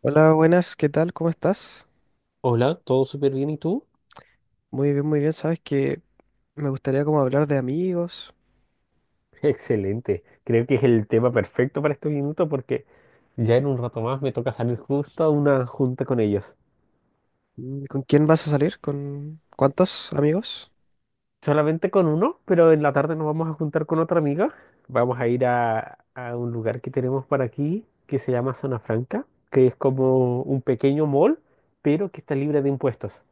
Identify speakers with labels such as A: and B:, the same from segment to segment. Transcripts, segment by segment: A: Hola, buenas, ¿qué tal? ¿Cómo estás?
B: Hola, ¿todo súper bien y tú?
A: Muy bien, muy bien. Sabes que me gustaría como hablar de amigos.
B: Excelente. Creo que es el tema perfecto para este minuto porque ya en un rato más me toca salir justo a una junta con ellos.
A: ¿Con quién vas a salir? ¿Con cuántos amigos?
B: Solamente con uno, pero en la tarde nos vamos a juntar con otra amiga. Vamos a ir a un lugar que tenemos para aquí que se llama Zona Franca, que es como un pequeño mall, pero que está libre de impuestos.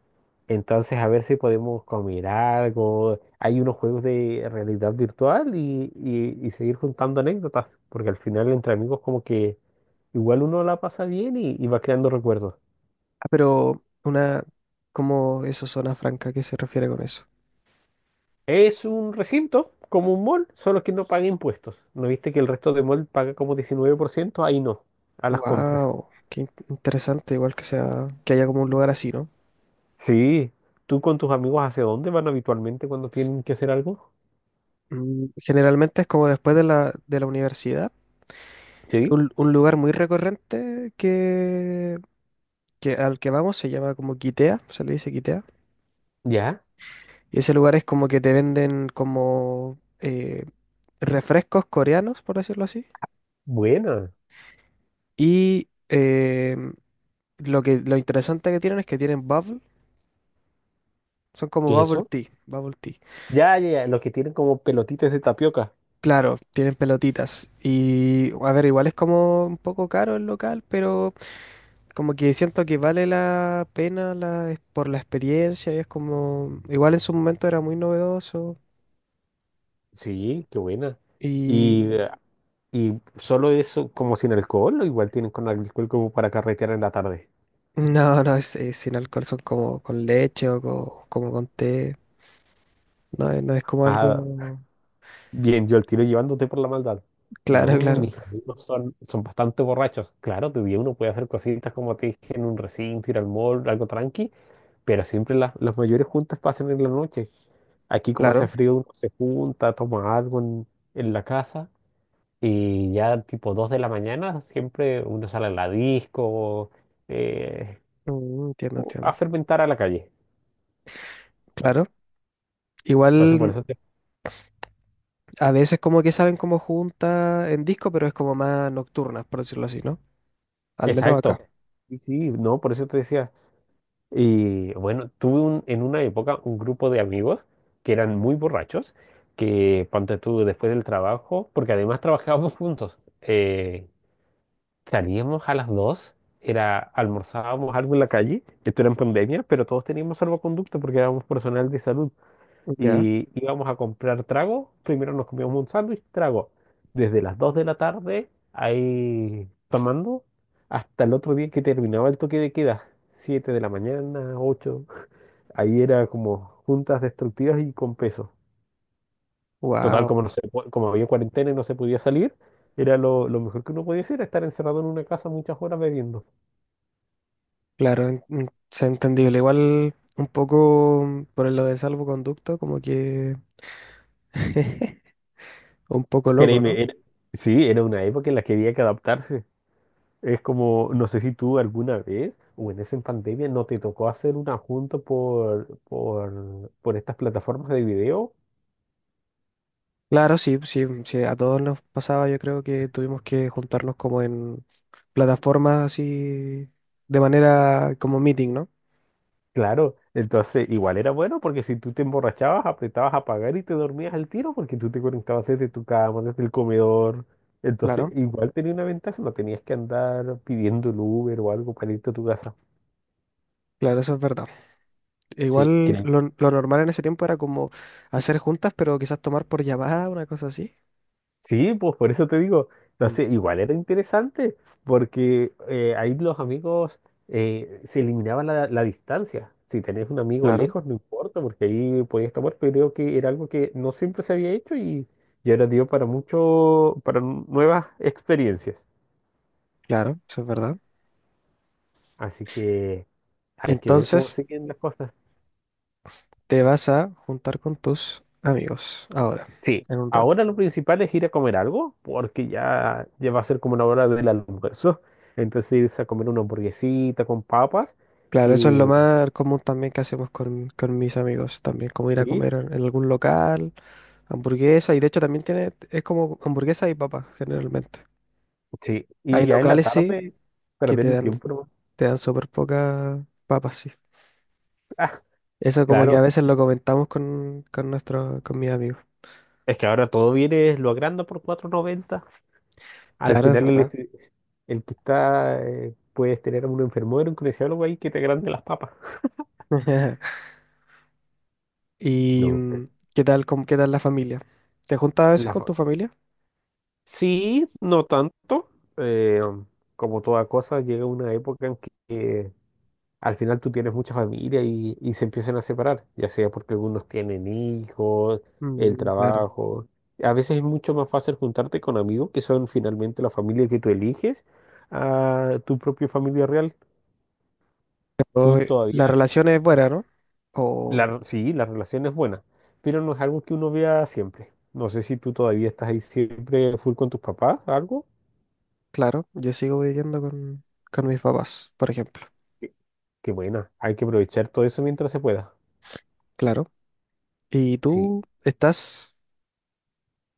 B: Entonces, a ver si podemos comer algo. Hay unos juegos de realidad virtual y seguir juntando anécdotas, porque al final entre amigos como que igual uno la pasa bien y va creando recuerdos.
A: Ah, pero una, ¿cómo eso, zona franca, ¿qué se refiere con eso?
B: Es un recinto, como un mall, solo que no paga impuestos. ¿No viste que el resto de mall paga como 19%? Ahí no, a las compras.
A: Wow, interesante, igual que sea, que haya como un lugar así, ¿no?
B: Sí, ¿tú con tus amigos hacia dónde van habitualmente cuando tienen que hacer algo?
A: Mm, generalmente es como después de la universidad.
B: Sí.
A: Un lugar muy recurrente que al que vamos se llama como Quitea, se le dice Quitea.
B: ¿Ya?
A: Y ese lugar es como que te venden como refrescos coreanos, por decirlo así.
B: Buena.
A: Y em, lo interesante que tienen es que tienen son como
B: ¿Qué es
A: bubble
B: eso?
A: tea, bubble tea.
B: Ya, ya, ya, los que tienen como pelotitas de tapioca.
A: Claro, tienen pelotitas. Y a ver, igual es como un poco caro el local, pero como que siento que vale la pena por la experiencia. Y es como, igual en su momento era muy novedoso.
B: Sí, qué buena.
A: Y
B: Y, eh, y solo eso, como sin alcohol, o igual tienen con alcohol como para carretear en la tarde.
A: no, es sin alcohol, son como con leche o como con té. No es como
B: Ah,
A: algo.
B: bien, yo al tiro llevándote por la maldad.
A: Claro,
B: No,
A: claro,
B: mis amigos son bastante borrachos. Claro, de día uno puede hacer cositas como te dije en un recinto, ir al mall, algo tranqui, pero siempre las mayores juntas pasan en la noche. Aquí como
A: claro.
B: hace frío, uno se junta, toma algo en la casa y ya tipo 2 de la mañana siempre uno sale a la disco, eh,
A: Mm, entiendo,
B: a
A: entiendo.
B: fermentar a la calle.
A: Claro.
B: Entonces, por
A: Igual
B: eso te...
A: a veces como que salen como juntas en disco, pero es como más nocturnas, por decirlo así, ¿no? Al menos acá.
B: Exacto. Sí, sí, no, por eso te decía. Y bueno, en una época un grupo de amigos que eran muy borrachos, que ponte tú después del trabajo, porque además trabajábamos juntos. Salíamos a las 2, era, almorzábamos algo en la calle. Esto era en pandemia, pero todos teníamos salvoconducto porque éramos personal de salud.
A: Ya.
B: Y íbamos a comprar trago. Primero nos comíamos un sándwich, trago. Desde las 2 de la tarde, ahí tomando, hasta el otro día que terminaba el toque de queda. 7 de la mañana, 8. Ahí era como juntas destructivas y con peso. Total,
A: Wow.
B: como, no se po- como había cuarentena y no se podía salir, era lo mejor que uno podía hacer, estar encerrado en una casa muchas horas bebiendo.
A: Claro, es entendible. Igual un poco por lo de salvoconducto, como que un poco loco,
B: Créeme,
A: ¿no?
B: era- sí, era una época en la que había que adaptarse. Es como, no sé si tú alguna vez, o en esa pandemia, no te tocó hacer una junta por estas plataformas de video.
A: Claro, sí, sí, sí, a todos nos pasaba, yo creo que tuvimos que juntarnos como en plataformas así de manera como meeting, ¿no?
B: Claro, entonces igual era bueno porque si tú te emborrachabas, apretabas a pagar y te dormías al tiro porque tú te conectabas desde tu cama, desde el comedor. Entonces
A: Claro,
B: igual tenía una ventaja, no tenías que andar pidiendo el Uber o algo para irte a tu casa.
A: claro, eso es verdad.
B: Sí,
A: Igual
B: creo.
A: lo normal en ese tiempo era como hacer juntas, pero quizás tomar por llamada, una cosa así.
B: Sí, pues por eso te digo.
A: Mm.
B: Entonces, igual era interesante, porque ahí los amigos se eliminaba la distancia. Si tenés un amigo
A: Claro,
B: lejos, no importa, porque ahí podías tomar, pero creo que era algo que no siempre se había hecho y ahora dio para mucho, para nuevas experiencias.
A: claro, eso es verdad.
B: Así que hay que ver cómo
A: Entonces
B: siguen las cosas.
A: te vas a juntar con tus amigos ahora,
B: Sí,
A: en un rato.
B: ahora lo principal es ir a comer algo, porque ya, ya va a ser como una hora del almuerzo. Entonces irse a comer una hamburguesita con papas
A: Claro, eso es lo
B: y
A: más común también que hacemos con mis amigos también, como ir a
B: sí,
A: comer en algún local, hamburguesa, y de hecho también tiene, es como hamburguesa y papas generalmente.
B: sí,
A: Hay
B: y ya en la
A: locales sí
B: tarde
A: que
B: perder el tiempo nomás.
A: te dan súper pocas papas, sí.
B: Ah,
A: Eso como que a
B: claro,
A: veces lo comentamos con nuestro con mis amigos.
B: es que ahora todo viene, lo agranda por 4,90. Al
A: Claro, es
B: final el,
A: verdad.
B: estu- el que está, puedes tener a un enfermero, un kinesiólogo ahí que te agrande las papas.
A: ¿Y
B: No,
A: qué tal, qué tal la familia? ¿Te juntas a veces
B: la
A: con
B: fa-
A: tu familia?
B: sí, no tanto. Eh, como toda cosa, llega una época en que al final tú tienes mucha familia y se empiezan a separar, ya sea porque algunos tienen hijos, el
A: Mm, claro.
B: trabajo. A veces es mucho más fácil juntarte con amigos que son finalmente la familia que tú eliges a tu propia familia real.
A: O,
B: Tú todavía,
A: la relación es buena, ¿no? O,
B: sí, la relación es buena, pero no es algo que uno vea siempre. No sé si tú todavía estás ahí siempre full con tus papás, algo.
A: claro, yo sigo viviendo con mis papás, por ejemplo.
B: Qué qué buena, hay que aprovechar todo eso mientras se pueda.
A: Claro. ¿Y
B: Sí.
A: tú estás?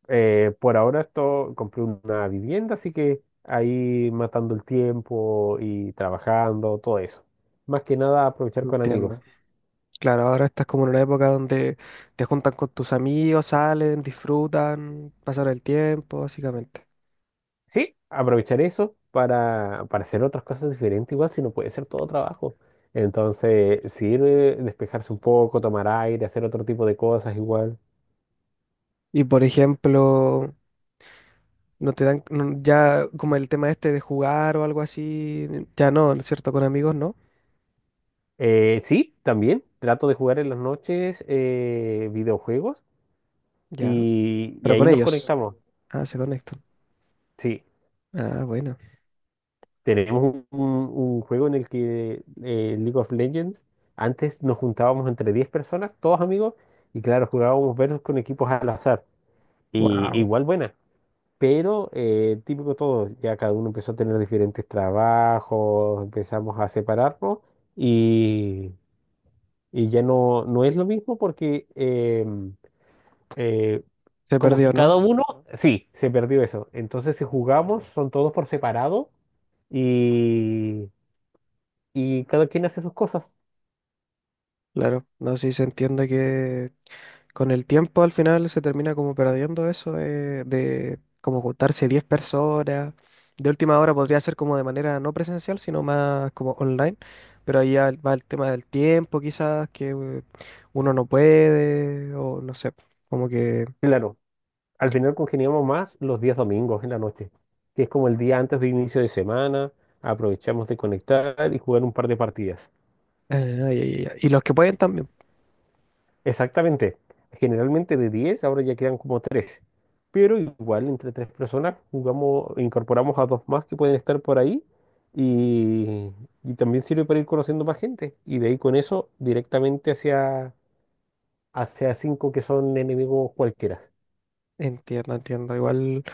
B: Por ahora esto, compré una vivienda, así que ahí matando el tiempo y trabajando, todo eso. Más que nada aprovechar con
A: Entiendo.
B: amigos.
A: Claro, ahora estás como en una época donde te juntan con tus amigos, salen, disfrutan, pasan el tiempo, básicamente.
B: Sí, aprovechar eso para hacer otras cosas diferentes, igual si no puede ser todo trabajo. Entonces, sirve despejarse un poco, tomar aire, hacer otro tipo de cosas igual.
A: Y por ejemplo, no te dan, ya como el tema este de jugar o algo así, ya no, ¿no es cierto? Con amigos no,
B: Sí, también trato de jugar en las noches, videojuegos
A: ya,
B: y
A: pero
B: ahí
A: con
B: nos
A: ellos.
B: conectamos.
A: Ah, se conectan.
B: Sí,
A: Ah, bueno.
B: tenemos un juego en el que, League of Legends, antes nos juntábamos entre 10 personas, todos amigos, y claro, jugábamos versus con equipos al azar. Y
A: Wow.
B: igual buena, pero típico todo, ya cada uno empezó a tener diferentes trabajos, empezamos a separarnos y, y ya no, no es lo mismo porque eh,
A: Se
B: como que
A: perdió,
B: cada
A: ¿no?
B: uno, sí, se perdió eso. Entonces si jugamos son todos por separado. Y, y cada quien hace sus cosas.
A: Claro, no sé si se entiende que con el tiempo al final se termina como perdiendo eso de como juntarse 10 personas. De última hora podría ser como de manera no presencial, sino más como online, pero ahí ya va el tema del tiempo quizás, que uno no puede, o no sé, como que...
B: Claro, al final congeniamos más los días domingos en la noche, que es como el día antes de inicio de semana, aprovechamos de conectar y jugar un par de partidas.
A: Ah, ya, ya, ya. Y los que pueden también.
B: Exactamente, generalmente de 10 ahora ya quedan como 3, pero igual entre 3 personas jugamos, incorporamos a 2 más que pueden estar por ahí y, y también sirve para ir conociendo más gente y de ahí con eso directamente hacia, 5 que son enemigos cualquiera.
A: Entiendo, entiendo. Igual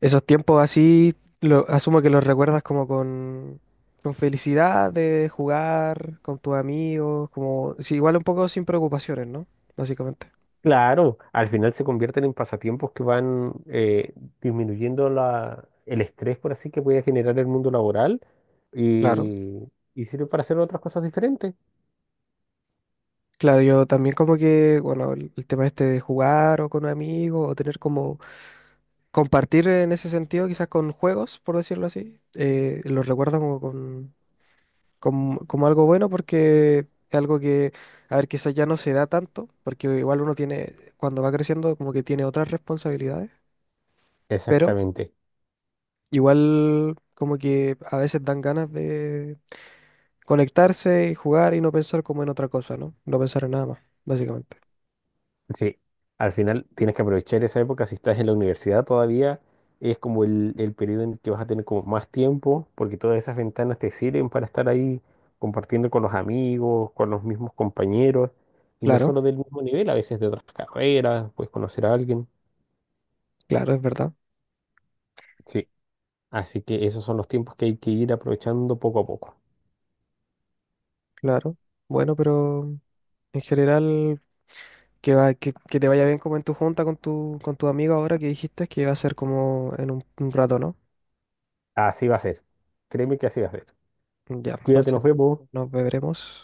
A: esos tiempos así, asumo que los recuerdas como con felicidad de jugar con tus amigos, como, sí, igual un poco sin preocupaciones, ¿no? Básicamente.
B: Claro, al final se convierten en pasatiempos que van, disminuyendo el estrés, por así que puede generar el mundo laboral
A: Claro.
B: y, y sirve para hacer otras cosas diferentes.
A: Claro, yo también como que, bueno, el tema este de jugar o con amigos o tener como, compartir en ese sentido quizás con juegos, por decirlo así, los recuerdo como con como, como algo bueno porque es algo que, a ver, quizás ya no se da tanto, porque igual uno tiene, cuando va creciendo, como que tiene otras responsabilidades, pero
B: Exactamente.
A: igual como que a veces dan ganas de conectarse y jugar y no pensar como en otra cosa, ¿no? No pensar en nada más, básicamente.
B: Sí, al final tienes que aprovechar esa época. Si estás en la universidad todavía, es como el periodo en el que vas a tener como más tiempo, porque todas esas ventanas te sirven para estar ahí compartiendo con los amigos, con los mismos compañeros, y no
A: Claro,
B: solo del mismo nivel, a veces de otras carreras, puedes conocer a alguien.
A: claro, es verdad,
B: Sí. Así que esos son los tiempos que hay que ir aprovechando poco a poco.
A: claro. Bueno, pero en general... Que, va, que te vaya bien como en tu junta con con tu amigo ahora que dijiste que va a ser como en un rato, ¿no?
B: Así va a ser. Créeme que así va a ser.
A: Ya,
B: Cuídate,
A: entonces
B: nos vemos.
A: nos veremos.